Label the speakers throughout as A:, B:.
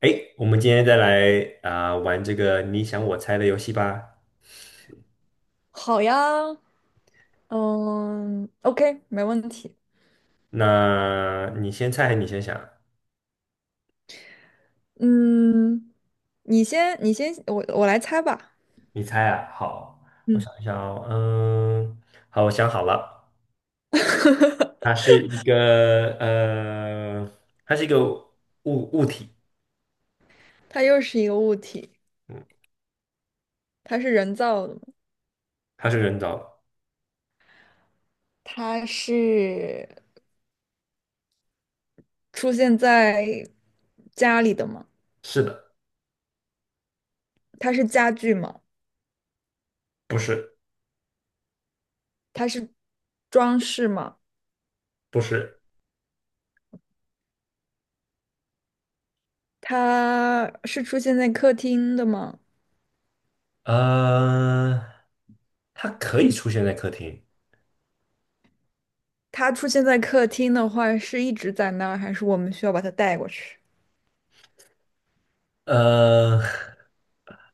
A: 哎，我们今天再来啊、玩这个你想我猜的游戏吧。
B: 好呀，OK，没问题。
A: 那你先猜还是你先想？
B: 嗯，你先，我来猜吧。
A: 你猜啊，好，我
B: 嗯。
A: 想一想哦，嗯，好，我想好了。它 是一个它是一个物体，
B: 它又是一个物体，
A: 嗯，
B: 它是人造的吗？
A: 它是人造的，
B: 它是出现在家里的吗？
A: 是的，
B: 它是家具吗？
A: 不是，
B: 它是装饰吗？
A: 不是。
B: 它是出现在客厅的吗？
A: 呃，它可以出现在客厅。
B: 它出现在客厅的话，是一直在那儿，还是我们需要把它带过去？
A: 呃，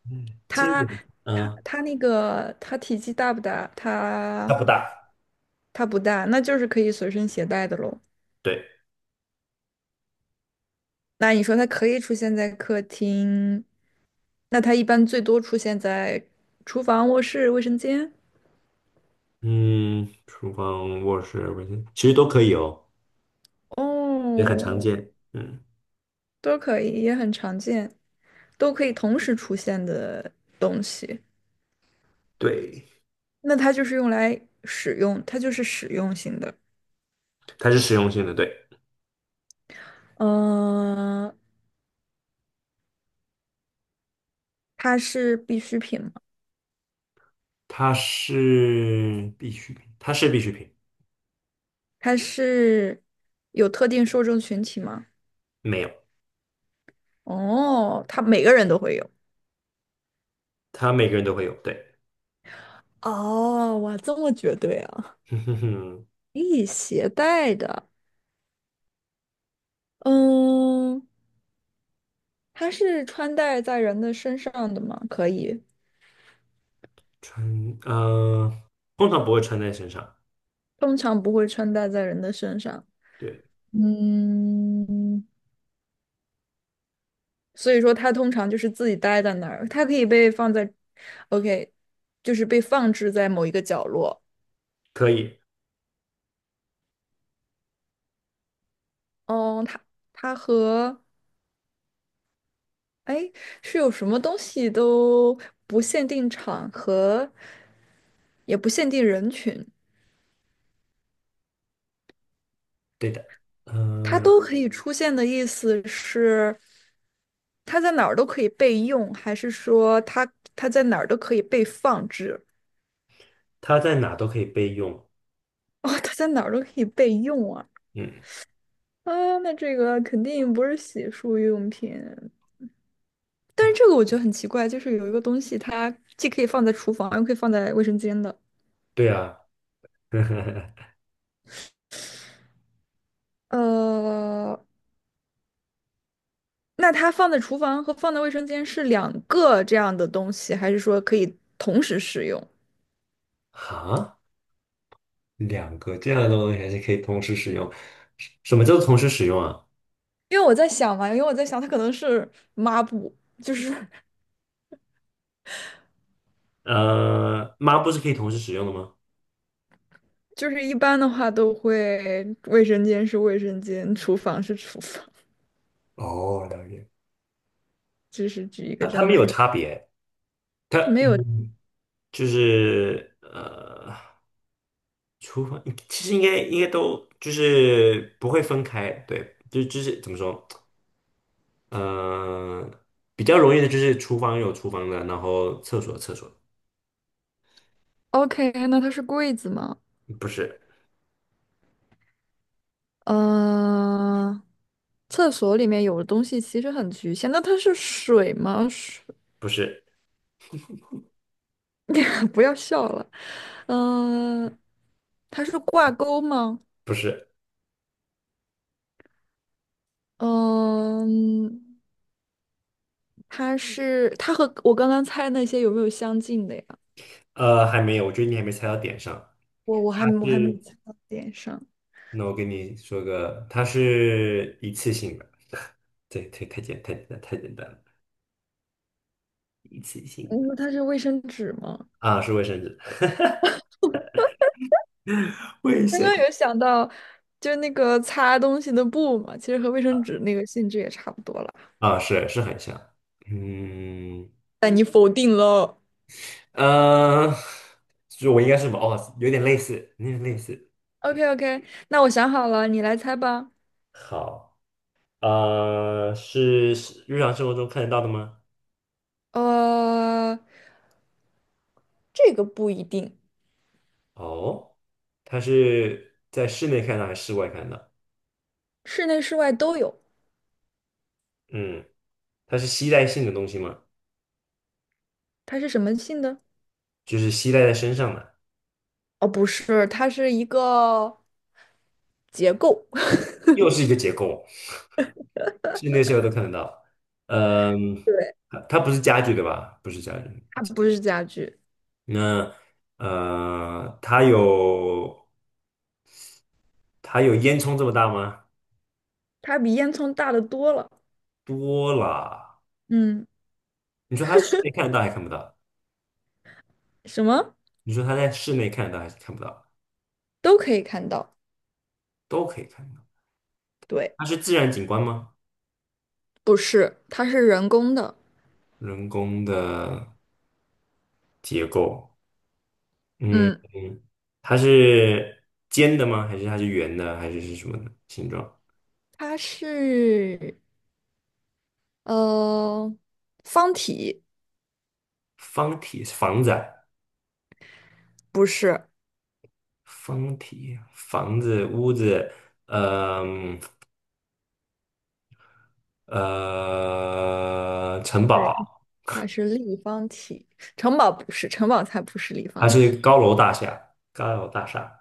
A: 嗯这个，
B: 它它
A: 嗯，
B: 它那个它体积大不大？
A: 它
B: 它
A: 不大，
B: 它不大，那就是可以随身携带的喽。
A: 对。
B: 那你说它可以出现在客厅，那它一般最多出现在厨房、卧室、卫生间。
A: 嗯，厨房、卧室、卫生，间其实都可以哦，也很常
B: 哦，
A: 见。嗯，
B: 都可以，也很常见，都可以同时出现的东西。
A: 对，
B: 那它就是用来使用，它就是使用型的。
A: 它是实用性的，对，
B: 嗯、它是必需品吗？
A: 它是必需品，
B: 它是有特定受众群体吗？
A: 没有，
B: 哦，他每个人都会有。
A: 它每个人都会有，对。
B: 哦，哇，这么绝对啊！
A: 哼哼哼，
B: 可以携带的，嗯，它是穿戴在人的身上的吗？可以，
A: 穿，通常不会穿在身上，
B: 通常不会穿戴在人的身上。
A: 对，
B: 嗯，所以说它通常就是自己待在那儿，它可以被放在，OK，就是被放置在某一个角落。
A: 可以，
B: 哦，它和哎是有什么东西都不限定场合，也不限定人群。
A: 对的。
B: 它
A: 嗯、
B: 都可以出现的意思是，它在哪儿都可以备用，还是说它在哪儿都可以被放置？
A: 它在哪都可以备用，
B: 哦，它在哪儿都可以备用啊！
A: 嗯，
B: 啊，那这个肯定不是洗漱用品。但是这个我觉得很奇怪，就是有一个东西，它既可以放在厨房，又可以放在卫生间的。
A: 对啊。
B: 呃，那它放在厨房和放在卫生间是两个这样的东西，还是说可以同时使用？
A: 哈，两个这样的东西还是可以同时使用，什么叫做同时使用啊？
B: 因为我在想，它可能是抹布，就是
A: 抹布是可以同时使用的吗？
B: 就是一般的话都会，卫生间是卫生间，厨房是厨房，
A: 哦，了解。
B: 就是举一个
A: 它
B: 这
A: 它
B: 样
A: 没
B: 的
A: 有
B: 例。
A: 差别，它
B: 它没有
A: 嗯，就是厨房其实应该都就是不会分开，对，就是怎么说，呃，比较容易的就是厨房有厨房的，然后厕所有厕所的。
B: ，OK，那它是柜子吗？
A: 不是
B: 嗯。厕所里面有的东西其实很局限。那它是水吗？水？
A: 不是
B: 不要笑了。嗯、它是挂钩吗？
A: 不是，
B: 嗯、它是，它和我刚刚猜那些有没有相近的呀？
A: 还没有，我觉得你还没猜到点上。它
B: 我还没
A: 是，
B: 猜到点上。
A: 那我跟你说个，它是一次性的，对，太简单了。一次性
B: 嗯。
A: 的
B: 那它是卫生纸吗？
A: 啊，是卫生纸。 卫
B: 刚
A: 生
B: 刚有想到，就是那个擦东西的布嘛，其实和卫生纸那个性质也差不多了。
A: 啊，是是很像，嗯
B: 但你否定了。
A: 呃，就是我应该是什么哦，有点类似，有点类似。
B: OK， OK，那我想好了，你来猜吧。
A: 好，是是日常生活中看得到的吗？
B: 呃，这个不一定，
A: 哦，它是在室内看到还是室外看到？
B: 室内室外都有，
A: 嗯，它是吸带性的东西吗？
B: 它是什么性的？
A: 就是吸带在身上的。
B: 哦，不是，它是一个结构。
A: 又是一个结构，室内室外都看得到。嗯，它不是家具对吧？不是家具。
B: 它不是家具，
A: 那它有它有烟囱这么大吗？
B: 它比烟囱大得多了。
A: 多了。
B: 嗯，
A: 你说它室内看得到还看不到？
B: 什么
A: 你说它在室内看得到还是看不到？
B: 都可以看到。
A: 都可以看到。
B: 对，
A: 它是自然景观吗？
B: 不是，它是人工的。
A: 人工的结构，嗯
B: 嗯，
A: 嗯。它是尖的吗？还是它是圆的？还是是什么的形状？
B: 它是。呃，方体。
A: 方体房子啊，
B: 不是，
A: 方体房子屋子，呃嗯城
B: 对，它
A: 堡。
B: 它是立方体。城堡不是，城堡才不是立
A: 还
B: 方
A: 是一
B: 体，
A: 个高楼大厦，高楼大厦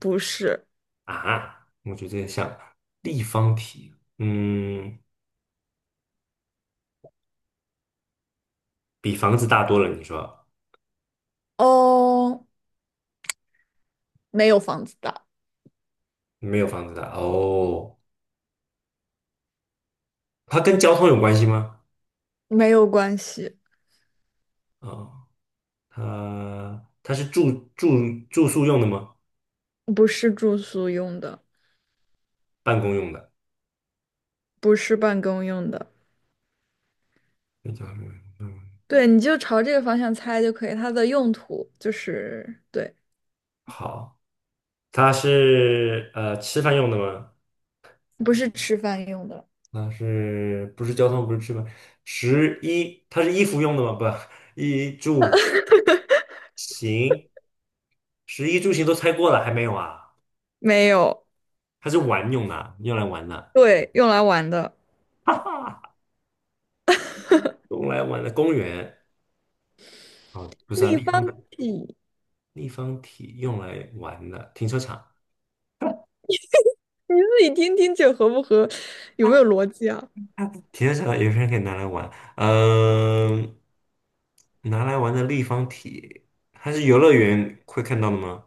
B: 不是。
A: 啊，我觉得像立方体，嗯，比房子大多了。你说
B: 哦，没有房子大，
A: 没有房子大哦？它跟交通有关系吗？
B: 没有关系，
A: 哦，它它是住宿用的吗？
B: 不是住宿用的，
A: 办公用的？
B: 不是办公用的。
A: 那叫什么嗯。
B: 对，你就朝这个方向猜就可以。它的用途就是，对，
A: 好，它是吃饭用的吗？
B: 不是吃饭用的，
A: 那是不是交通？不是吃饭？十一，它是衣服用的吗？不，衣住行。十一住形都猜过了，还没有啊？
B: 没有，
A: 它是玩用的啊用来玩的。
B: 对，用来玩的
A: 哈哈，用来玩的公园哦，不是啊，
B: 立
A: 立
B: 方
A: 方体
B: 体。
A: 立方体用来玩的，停车场。
B: 你自己听听这合不合，有没有逻辑啊？
A: 停车场有些人可以拿来玩，嗯、拿来玩的立方体，它是游乐园会看到的吗？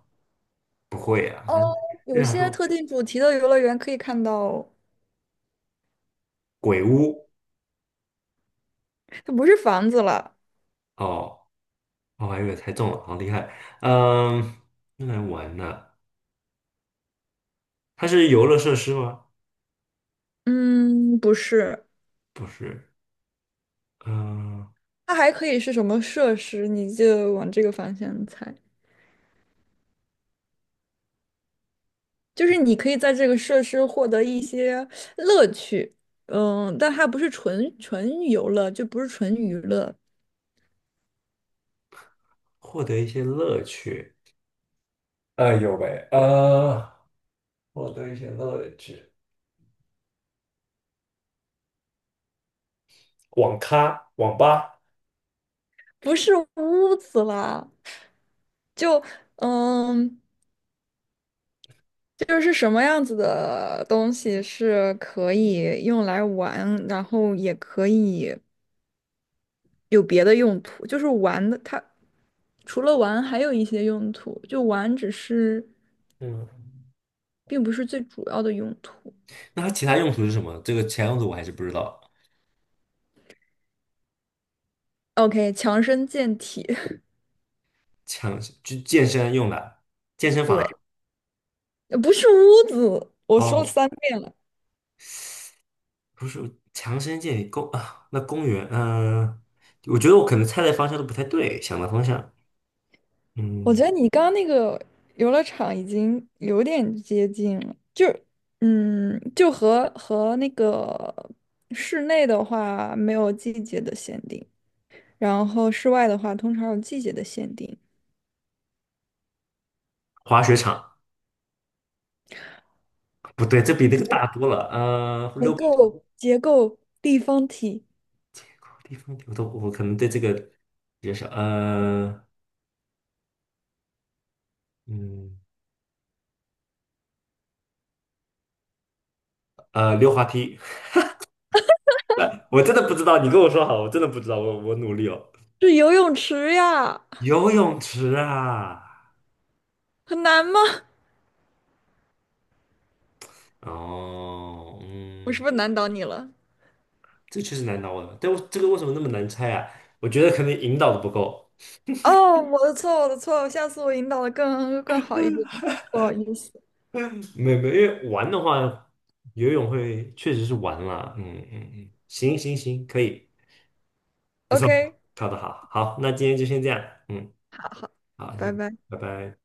A: 不会啊，它是日
B: 有
A: 常
B: 些
A: 说
B: 特定主题的游乐园可以看到，
A: 鬼屋
B: 它不是房子了，
A: 哦，我还以为猜中了，好厉害。嗯、用来玩的，它是游乐设施吗？
B: 嗯，不是，
A: 不是，嗯、
B: 它还可以是什么设施？你就往这个方向猜，就是你可以在这个设施获得一些乐趣。嗯，但它不是纯游乐，就不是纯娱乐，
A: 获得一些乐趣。哎有呗，获得一些乐趣。网咖、网吧。
B: 不是屋子啦，就嗯，就是什么样子的东西是可以用来玩，然后也可以有别的用途，就是玩的它。除了玩，还有一些用途，就玩只是
A: 嗯，
B: 并不是最主要的用途。
A: 那它其他用途是什么？这个其他用途我还是不知道。
B: OK，强身健体。
A: 强，就健身用的，健身房。
B: 对，不是屋子，我说了
A: 哦，
B: 三遍了。
A: 不是强身健体公啊，那公园。嗯、我觉得我可能猜的方向都不太对，想的方向，
B: 我
A: 嗯。
B: 觉得你刚刚那个游乐场已经有点接近了，就嗯，就和那个室内的话没有季节的限定，然后室外的话通常有季节的限定。
A: 滑雪场不对，这比那个大多了，
B: 结
A: 溜冰
B: 构结构立方体
A: 场地方我都我可能对这个比较少，嗯，溜滑梯。来，我真的不知道，你跟我说好，我真的不知道，我努力哦。
B: 是游泳池呀，
A: 游泳池啊，
B: 很难吗？
A: 哦，
B: 我是
A: 嗯，
B: 不是难倒你了？
A: 这确实难倒我了。但我这个为什么那么难猜啊？我觉得可能引导的不够，
B: 哦，我的错，我的错，下次我引导的更好一点，不好意思。
A: 没没，因为玩的话，游泳会确实是玩啦。嗯嗯嗯，行行行，可以，不错，
B: OK，
A: 考得好，好，那今天就先这样，嗯，
B: 好，
A: 好，
B: 拜
A: 先，
B: 拜。
A: 拜拜。